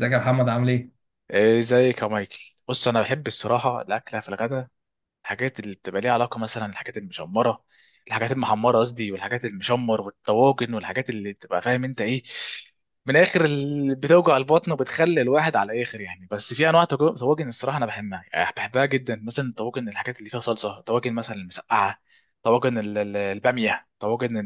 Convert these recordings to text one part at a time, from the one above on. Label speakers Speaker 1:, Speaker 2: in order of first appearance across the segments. Speaker 1: ازيك يا محمد عامل ايه؟
Speaker 2: إيه ازيك يا مايكل. بص انا بحب الصراحه الاكله في الغداء، الحاجات اللي بتبقى ليها علاقه مثلا الحاجات المشمره، الحاجات المحمره قصدي، والحاجات المشمر والطواجن والحاجات اللي بتبقى فاهم انت ايه، من الاخر اللي بتوجع البطن وبتخلي الواحد على الاخر يعني. بس في انواع طواجن الصراحه انا بحبها، يعني بحبها جدا، مثلا طواجن الحاجات اللي فيها صلصه، طواجن مثلا المسقعه، طواجن الباميه، طواجن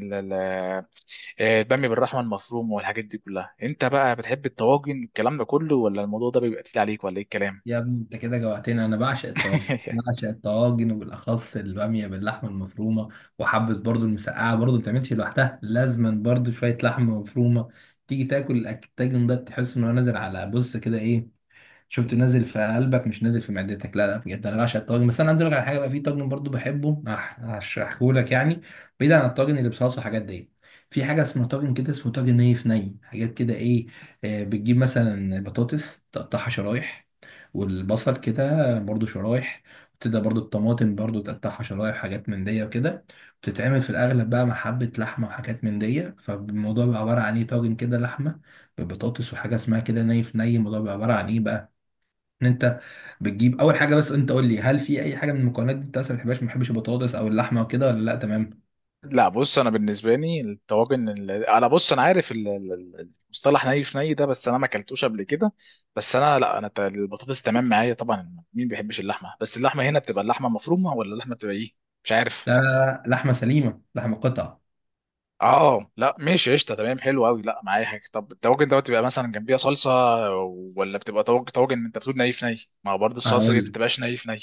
Speaker 2: الباميه بالرحمه المفروم، والحاجات دي كلها. انت بقى بتحب الطواجن الكلام ده كله ولا الموضوع ده بيبقى تقيل عليك ولا ايه الكلام؟
Speaker 1: يا ابني انت كده جوعتني. انا بعشق الطواجن بعشق الطواجن وبالاخص الباميه باللحمه المفرومه، وحبه برضو المسقعه، برضو ما بتعملش لوحدها، لازما برضو شويه لحمه مفرومه. تيجي تاكل الطاجن ده تحس انه نازل على، بص كده ايه، شفت، نازل في قلبك مش نازل في معدتك. لا لا، بجد انا بعشق الطاجن. بس انا عايز اقول لك على حاجه، بقى في طاجن برضو بحبه، هشرحه لك يعني. بعيد عن الطاجن اللي بصلصه حاجات دي، في حاجه اسمها طاجن كده، اسمه طاجن نيف ني حاجات كده ايه. بتجيب مثلا بطاطس تقطعها شرايح، والبصل كده برضو شرايح، وتبدأ برضو الطماطم برضو تقطعها شرايح، حاجات من دي وكده. بتتعمل في الاغلب بقى مع حبه لحمه وحاجات من دي، فالموضوع بيبقى عباره عن ايه، طاجن كده لحمه ببطاطس، وحاجه اسمها كده نيف ني. الموضوع بيبقى عباره عن ايه بقى، ان انت بتجيب اول حاجه. بس انت قول لي، هل في اي حاجه من المكونات دي انت اصلا ما بتحبهاش؟ ما بتحبش البطاطس او اللحمه وكده ولا لا؟ تمام.
Speaker 2: لا بص، انا بالنسبه لي الطواجن انا بص انا عارف المصطلح ني في ني ده، بس انا ما اكلتوش قبل كده. بس انا لا انا ت- البطاطس تمام معايا طبعا، مين بيحبش اللحمه؟ بس اللحمه هنا بتبقى اللحمه مفرومه ولا اللحمه بتبقى ايه؟ مش عارف.
Speaker 1: لا لا لا، لحمه سليمه، لحمه قطع.
Speaker 2: اه لا ماشي، قشطه تمام، حلو قوي، لا معايا حاجه. طب الطواجن دوت بيبقى مثلا جنبيها صلصه ولا بتبقى طواجن انت بتقول ني في ني؟ ما هو برضه الصلصه دي ما
Speaker 1: هقول
Speaker 2: بتبقاش ني في ني.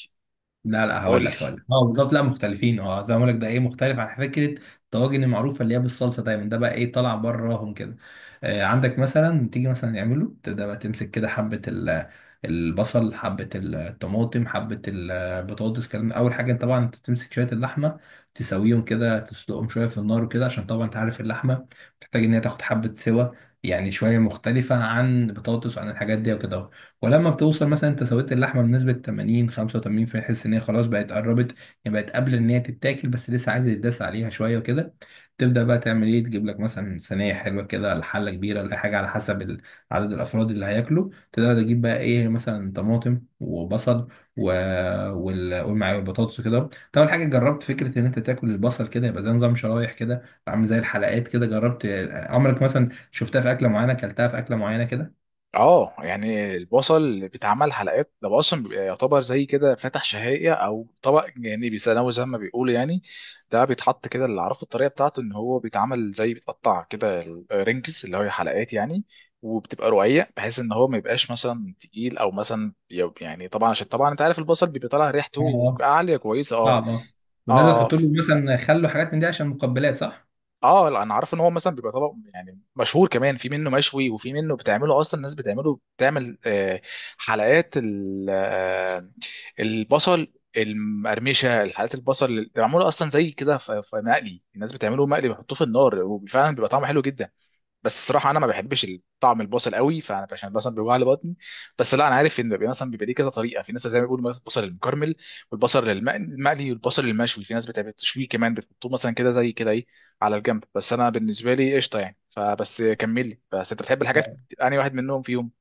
Speaker 1: لا لا
Speaker 2: قول
Speaker 1: هقول
Speaker 2: لي.
Speaker 1: لك هقول لك اه بالظبط، لا مختلفين، اه زي ما بقول لك، ده ايه مختلف عن فكره الطواجن المعروفه اللي هي بالصلصه دايما. ده بقى ايه، طالع براهم كده. آه، عندك مثلا تيجي مثلا يعمله، تبدا بقى تمسك كده حبه البصل، حبه الطماطم، حبه البطاطس، كلام. اول حاجه طبعا انت تمسك شويه اللحمه، تسويهم كده، تسلقهم شويه في النار وكده، عشان طبعا انت عارف اللحمه بتحتاج ان هي تاخد حبه سوا، يعني شويه مختلفه عن البطاطس وعن الحاجات دي وكده. ولما بتوصل مثلا انت سويت اللحمه بنسبه 80 85 في حس ان هي خلاص بقت قربت، يعني بقت قبل ان هي تتاكل، بس لسه عايز يتداس عليها شويه وكده. تبدا بقى تعمل ايه، تجيب لك مثلا صينيه حلوه كده، ولا حله كبيره، ولا حاجه على حسب عدد الافراد اللي هياكلوا. تبدا تجيب بقى ايه، مثلا طماطم وبصل و... والمعايا والبطاطس وكده. انت اول حاجه جربت فكره ان انت تاكل البصل كده، يبقى زي نظام شرايح كده، عامل زي الحلقات كده؟ جربت؟ عمرك مثلا شفتها في اكله معينه، اكلتها في اكله معينه كده؟
Speaker 2: اه يعني البصل بيتعمل حلقات، ده بقى اصلا بيبقى يعتبر زي كده فاتح شهية او طبق جانبي ثانوي زي ما بيقولوا يعني. ده بيتحط كده، اللي عرفه الطريقه بتاعته ان هو بيتعمل زي بيتقطع كده رنجز اللي هي حلقات يعني، وبتبقى رقيق بحيث ان هو ما يبقاش مثلا تقيل او مثلا يعني طبعا عشان طبعا انت عارف البصل بيبقى طالع ريحته
Speaker 1: اه،
Speaker 2: عاليه كويسه. اه.
Speaker 1: صعب، اه. والناس
Speaker 2: اه.
Speaker 1: بتحط له مثلا خل وحاجات من دي عشان مقبلات، صح؟
Speaker 2: اه لا انا عارف ان هو مثلا بيبقى طبق يعني مشهور، كمان في منه مشوي وفي منه بتعمله اصلا، الناس بتعمله بتعمل حلقات البصل المقرمشه، حلقات البصل اللي معموله اصلا زي كده في مقلي، الناس بتعمله مقلي بيحطوه في النار وفعلا بيبقى طعمه حلو جدا. بس الصراحه انا ما بحبش طعم البصل قوي، فانا عشان مثلا بيوجع لي بطني. بس لا انا عارف ان بيبقى مثلا بيبقى ليه كذا طريقه، في ناس زي ما بيقولوا مثلا البصل المكرمل والبصل المقلي والبصل المشوي، في ناس بتعمل تشويه كمان بتحطوه مثلا كده زي كده ايه على الجنب. بس انا بالنسبه لي قشطه يعني، فبس كمل لي. بس انت بتحب الحاجات انهي واحد منهم فيهم؟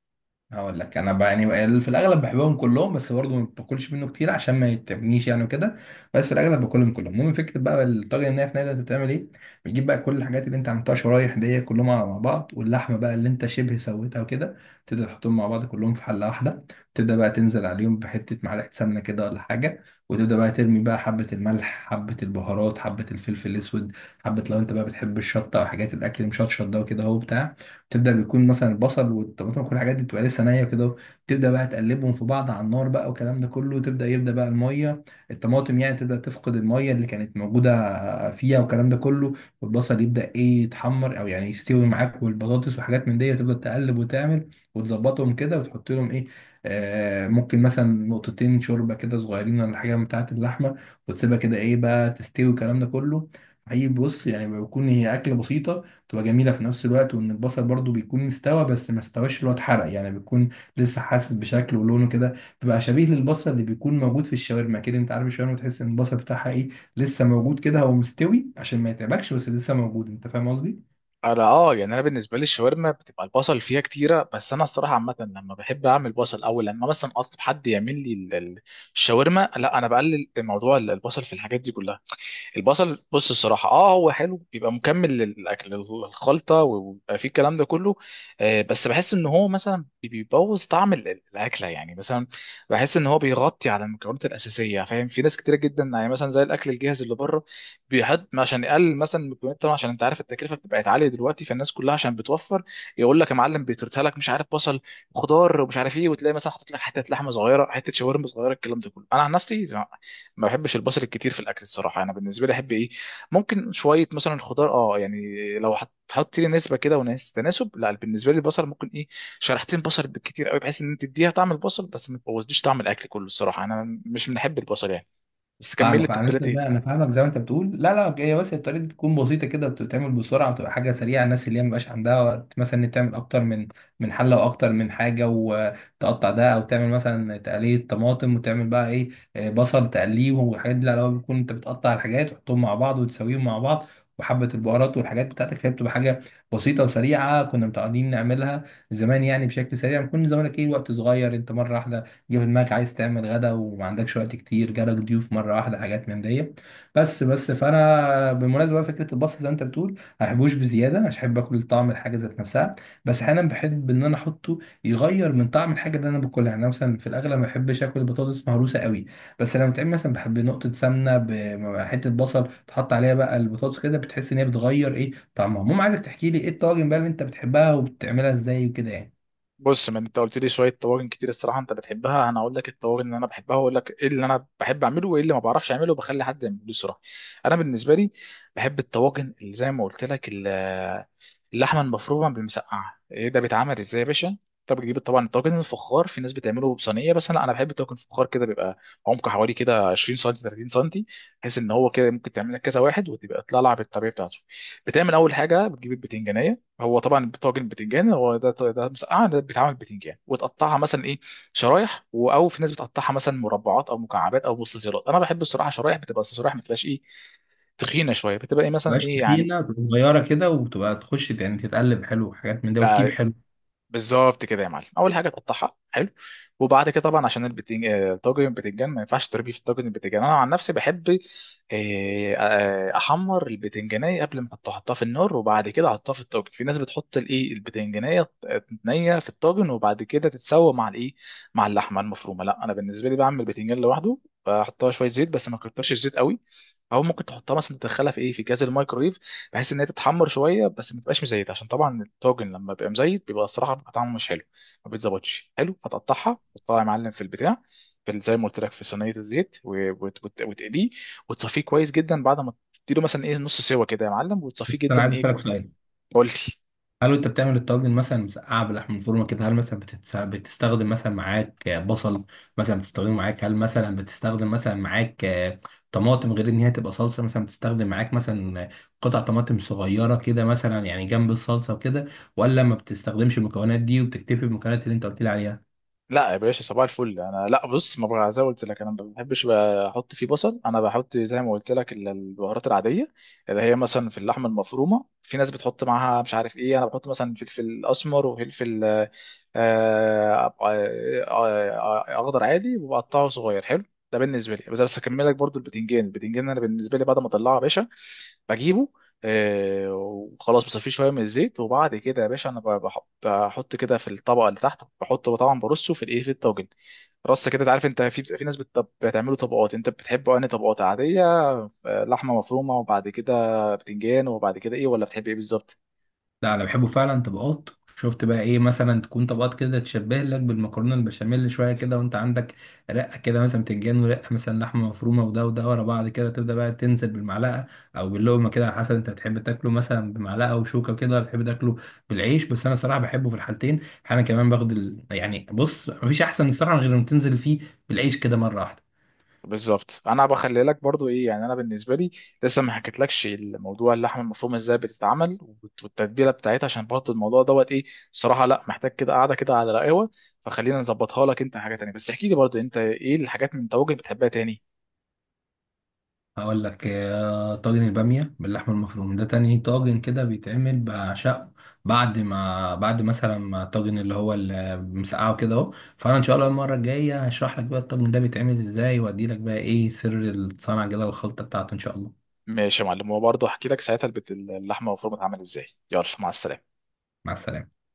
Speaker 1: هقول لك انا بقى، يعني في الاغلب بحبهم كلهم، بس برضه ما باكلش منه كتير عشان ما يتعبنيش يعني وكده. بس في الاغلب باكلهم كلهم. المهم، فكره بقى الطاجن الناي في نادي هتتعمل ايه. بتجيب بقى كل الحاجات اللي انت عملتها شرايح دي كلهم مع بعض، واللحمه بقى اللي انت شبه سويتها وكده، تبدا تحطهم مع بعض كلهم في حله واحده. تبدا بقى تنزل عليهم بحته معلقه سمنه كده ولا حاجه، وتبدا بقى ترمي بقى حبه الملح، حبه البهارات، حبه الفلفل الاسود، حبه لو انت بقى بتحب الشطه او حاجات الاكل مشطشط ده وكده اهو بتاع. تبدا بيكون مثلا البصل والطماطم وكل الحاجات دي بتبقى لسه نيه كده. تبدا بقى تقلبهم في بعض على النار بقى والكلام ده كله، تبدا يبدا بقى الميه، الطماطم يعني تبدا تفقد الميه اللي كانت موجوده فيها والكلام ده كله، والبصل يبدا ايه يتحمر، او يعني يستوي معاك، والبطاطس وحاجات من دي. وتبدا تقلب وتعمل وتظبطهم كده وتحط لهم ايه، آه ممكن مثلا نقطتين شوربه كده صغيرين ولا حاجه بتاعه اللحمه، وتسيبها كده ايه بقى تستوي والكلام ده كله. حقيقي، بص، يعني بيكون هي اكله بسيطه، تبقى جميله في نفس الوقت، وان البصل برضو بيكون استوى بس ما استواش اللي هو اتحرق، يعني بيكون لسه حاسس بشكله ولونه كده. بيبقى شبيه للبصل اللي بيكون موجود في الشاورما كده، انت عارف الشاورما تحس ان البصل بتاعها ايه، لسه موجود كده، هو مستوي عشان ما يتعبكش بس لسه موجود. انت فاهم قصدي؟
Speaker 2: انا اه يعني انا بالنسبه لي الشاورما بتبقى البصل فيها كتيره، بس انا الصراحه عامه لما بحب اعمل بصل او لما مثلا اطلب حد يعمل لي الشاورما، لا انا بقلل موضوع البصل في الحاجات دي كلها. البصل بص الصراحة اه هو حلو، بيبقى مكمل للأكل للخلطة ويبقى فيه الكلام ده كله. آه بس بحس ان هو مثلا بيبوظ طعم الأكلة، يعني مثلا بحس ان هو بيغطي على المكونات الأساسية فاهم، في ناس كتيرة جدا يعني مثلا زي الأكل الجاهز اللي بره بيحط عشان يقلل مثلا المكونات، طبعا عشان انت عارف التكلفة بتبقى عالية دلوقتي فالناس كلها عشان بتوفر يقول لك يا معلم بيترسل لك مش عارف بصل، خضار، ومش عارف ايه، وتلاقي مثلا حاطط لك حتة لحمة صغيرة، حتة شاورما صغيرة، الكلام ده كله. انا عن نفسي ما بحبش البصل الكتير في الاكل الصراحه. انا بالنسبه لي احب ايه؟ ممكن شويه مثلا خضار اه يعني، لو هتحطي لي نسبه كده وناس تناسب. لا بالنسبه لي البصل ممكن ايه، شريحتين بصل بالكتير قوي، بحيث ان انت تديها طعم البصل بس ما تبوظليش طعم الاكل كله. الصراحه انا مش بنحب البصل يعني. بس كمل لي
Speaker 1: فاهمك انا،
Speaker 2: التتبيلات
Speaker 1: لسه
Speaker 2: ايه.
Speaker 1: بقى انا فاهمك زي ما انت بتقول، لا لا، هي بس الطريقه دي تكون بسيطه كده، بتتعمل بسرعه وتبقى حاجه سريعه. الناس اللي هي مبقاش عندها وقت مثلا ان تعمل اكتر من حله، واكتر من حاجه، وتقطع ده، او تعمل مثلا تقليه طماطم وتعمل بقى ايه، بصل تقليه والحاجات دي. لا لا، هو بيكون انت بتقطع الحاجات وتحطهم مع بعض وتسويهم مع بعض، وحبة البهارات والحاجات بتاعتك، فهي بتبقى حاجة بسيطة وسريعة. كنا متعودين نعملها زمان يعني بشكل سريع، ما كنا زمانك ايه وقت صغير، انت مرة واحدة جه في دماغك عايز تعمل غدا وما عندكش وقت كتير، جالك ضيوف مره واحده، حاجات من دي بس. فانا بالمناسبه بقى، فكره البصل زي ما انت بتقول، ما بحبوش بزياده، مش بحب اكل طعم الحاجه ذات نفسها، بس احيانا بحب ان انا احطه يغير من طعم الحاجه اللي انا باكلها. يعني أنا مثلا في الاغلب ما بحبش اكل بطاطس مهروسه قوي، بس لما بتعمل مثلا بحب نقطه سمنه، بحته بصل تحط عليها بقى البطاطس كده، بتحس ان هي بتغير ايه طعمها. المهم، عايزك تحكي لي ايه الطواجن بقى اللي انت بتحبها وبتعملها ازاي وكده يعني.
Speaker 2: بص ما انت قلت لي شويه طواجن كتير الصراحه انت بتحبها، انا هقول لك الطواجن اللي انا بحبها، واقول لك ايه اللي انا بحب اعمله وايه اللي ما بعرفش اعمله وبخلي حد يعمله لي الصراحه. انا بالنسبه لي بحب الطواجن اللي زي ما قلت لك اللحمه المفرومه بالمسقعه. ايه ده بيتعمل ازاي يا باشا؟ انت بتجيب طبعا الطاجن الفخار، في ناس بتعمله بصينيه بس انا بحب الطاجن الفخار كده، بيبقى عمقه حوالي كده 20 سم 30 سم، بحيث ان هو كده ممكن تعمل لك كذا واحد وتبقى تطلع لها بالطريقه بتاعته. بتعمل اول حاجه بتجيب البتنجانيه، هو طبعا طاجن بتنجان، هو ده مسقعه، ده بيتعمل بتنجان وتقطعها مثلا ايه، شرايح او في ناس بتقطعها مثلا مربعات او مكعبات او مستطيلات. انا بحب الصراحه شرايح، بتبقى الشرايح ما تبقاش ايه، تخينه شويه، بتبقى ايه مثلا
Speaker 1: مبقاش
Speaker 2: ايه يعني.
Speaker 1: تخينه، بتبقى صغيره كده، وبتبقى تخش يعني، تتقلب حلو وحاجات من ده وتطيب
Speaker 2: آه،
Speaker 1: حلو.
Speaker 2: بالظبط كده يا معلم. اول حاجه تقطعها حلو وبعد كده طبعا عشان البتنج... آه، طاجن البتنجان ما ينفعش تربيه في الطاجن البتنجان. انا عن نفسي بحب احمر البتنجانيه قبل ما احطها، احطها في النار وبعد كده احطها في الطاجن. في ناس بتحط الايه البتنجانيه نيه في الطاجن وبعد كده تتسوى مع الايه، مع اللحمه المفرومه. لا انا بالنسبه لي بعمل البتنجان لوحده، بحطها شويه زيت بس ما كترش الزيت قوي، او ممكن تحطها مثلا تدخلها في ايه في كاس الميكرويف، بحيث ان هي تتحمر شويه بس ما تبقاش مزيت، عشان طبعا الطاجن لما بيبقى مزيت بيبقى الصراحه بيبقى طعمه مش حلو، ما بيتظبطش حلو. هتقطعها تحطها يا معلم في البتاع، في زي ما قلت لك في صينيه الزيت، وتقليه وتصفيه كويس جدا، بعد ما تديله مثلا ايه نص سوا كده يا معلم
Speaker 1: بس
Speaker 2: وتصفيه
Speaker 1: انا
Speaker 2: جدا
Speaker 1: عايز
Speaker 2: ايه
Speaker 1: اسالك
Speaker 2: كويس.
Speaker 1: سؤال،
Speaker 2: قول لي.
Speaker 1: هل انت بتعمل الطواجن مثلا مسقعه باللحم الفورمه كده، هل مثلا بتستخدم مثلا معاك بصل؟ مثلا بتستخدمه معاك؟ هل مثلا بتستخدم مثلا معاك طماطم غير ان هي تبقى صلصه، مثلا بتستخدم معاك مثلا قطع طماطم صغيره كده مثلا، يعني جنب الصلصه وكده؟ ولا ما بتستخدمش المكونات دي وبتكتفي بالمكونات اللي انت قلت لي عليها؟
Speaker 2: لا يا باشا صباح الفل، انا لا بص ما بقى زي ما قلت لك انا ما بحبش بقى احط فيه بصل، انا بحط زي ما قلت لك البهارات العاديه، اللي هي مثلا في اللحمه المفرومه في ناس بتحط معاها مش عارف ايه، انا بحط مثلا فلفل اسمر وفلفل آه، آه، اخضر عادي وبقطعه صغير حلو. ده بالنسبه لي. بس بس اكمل لك برضو البتنجان. البتنجان انا بالنسبه لي بعد ما اطلعه يا باشا بجيبه وخلاص بصفيه شويه من الزيت، وبعد كده يا باشا انا بحط كده في الطبقه اللي تحت، بحطه طبعا برصه في الايه في الطاجن، رص كده. تعرف انت في ناس بتعمله طبقات، انت بتحبه انهي طبقات عاديه، آه، لحمه مفرومه وبعد كده بتنجان وبعد كده ايه، ولا بتحب ايه بالظبط؟
Speaker 1: لا، انا بحبه فعلا طبقات. شفت بقى ايه، مثلا تكون طبقات كده تشبه لك بالمكرونه البشاميل شويه كده، وانت عندك رقه كده مثلا بتنجان، ورقه مثلا لحمه مفرومه، وده وده ورا بعض كده، تبدا بقى تنزل بالمعلقه او باللقمه كده، على حسب انت بتحب تاكله مثلا بمعلقه وشوكه كده ولا بتحب تاكله بالعيش. بس انا صراحه بحبه في الحالتين. انا كمان يعني بص، مفيش احسن الصراحه غير لما تنزل فيه بالعيش كده مره واحده.
Speaker 2: بالظبط. انا بخلي لك برضو ايه يعني، انا بالنسبه لي لسه ما حكيتلكش الموضوع اللحمه المفرومه ازاي بتتعمل والتتبيله بتاعتها، عشان برضو الموضوع دوت ايه بصراحه لا محتاج كده قاعده كده على رقاوه، فخلينا نظبطها لك انت حاجه تانية. بس احكي لي برضو انت ايه الحاجات من طواجن بتحبها تاني.
Speaker 1: هقول لك، طاجن البامية باللحمة المفرومة، ده تاني طاجن كده بيتعمل بعشقه، بعد ما الطاجن اللي هو اللي مسقعه كده اهو. فانا ان شاء الله المرة الجاية هشرح لك بقى الطاجن ده بيتعمل ازاي، وادي لك بقى ايه سر الصنعة كده والخلطة بتاعته ان شاء الله.
Speaker 2: ماشي يا معلم، وبرضو احكي لك ساعتها اللحمه المفرومه بتتعمل ازاي. يلا مع السلامه.
Speaker 1: مع السلامة.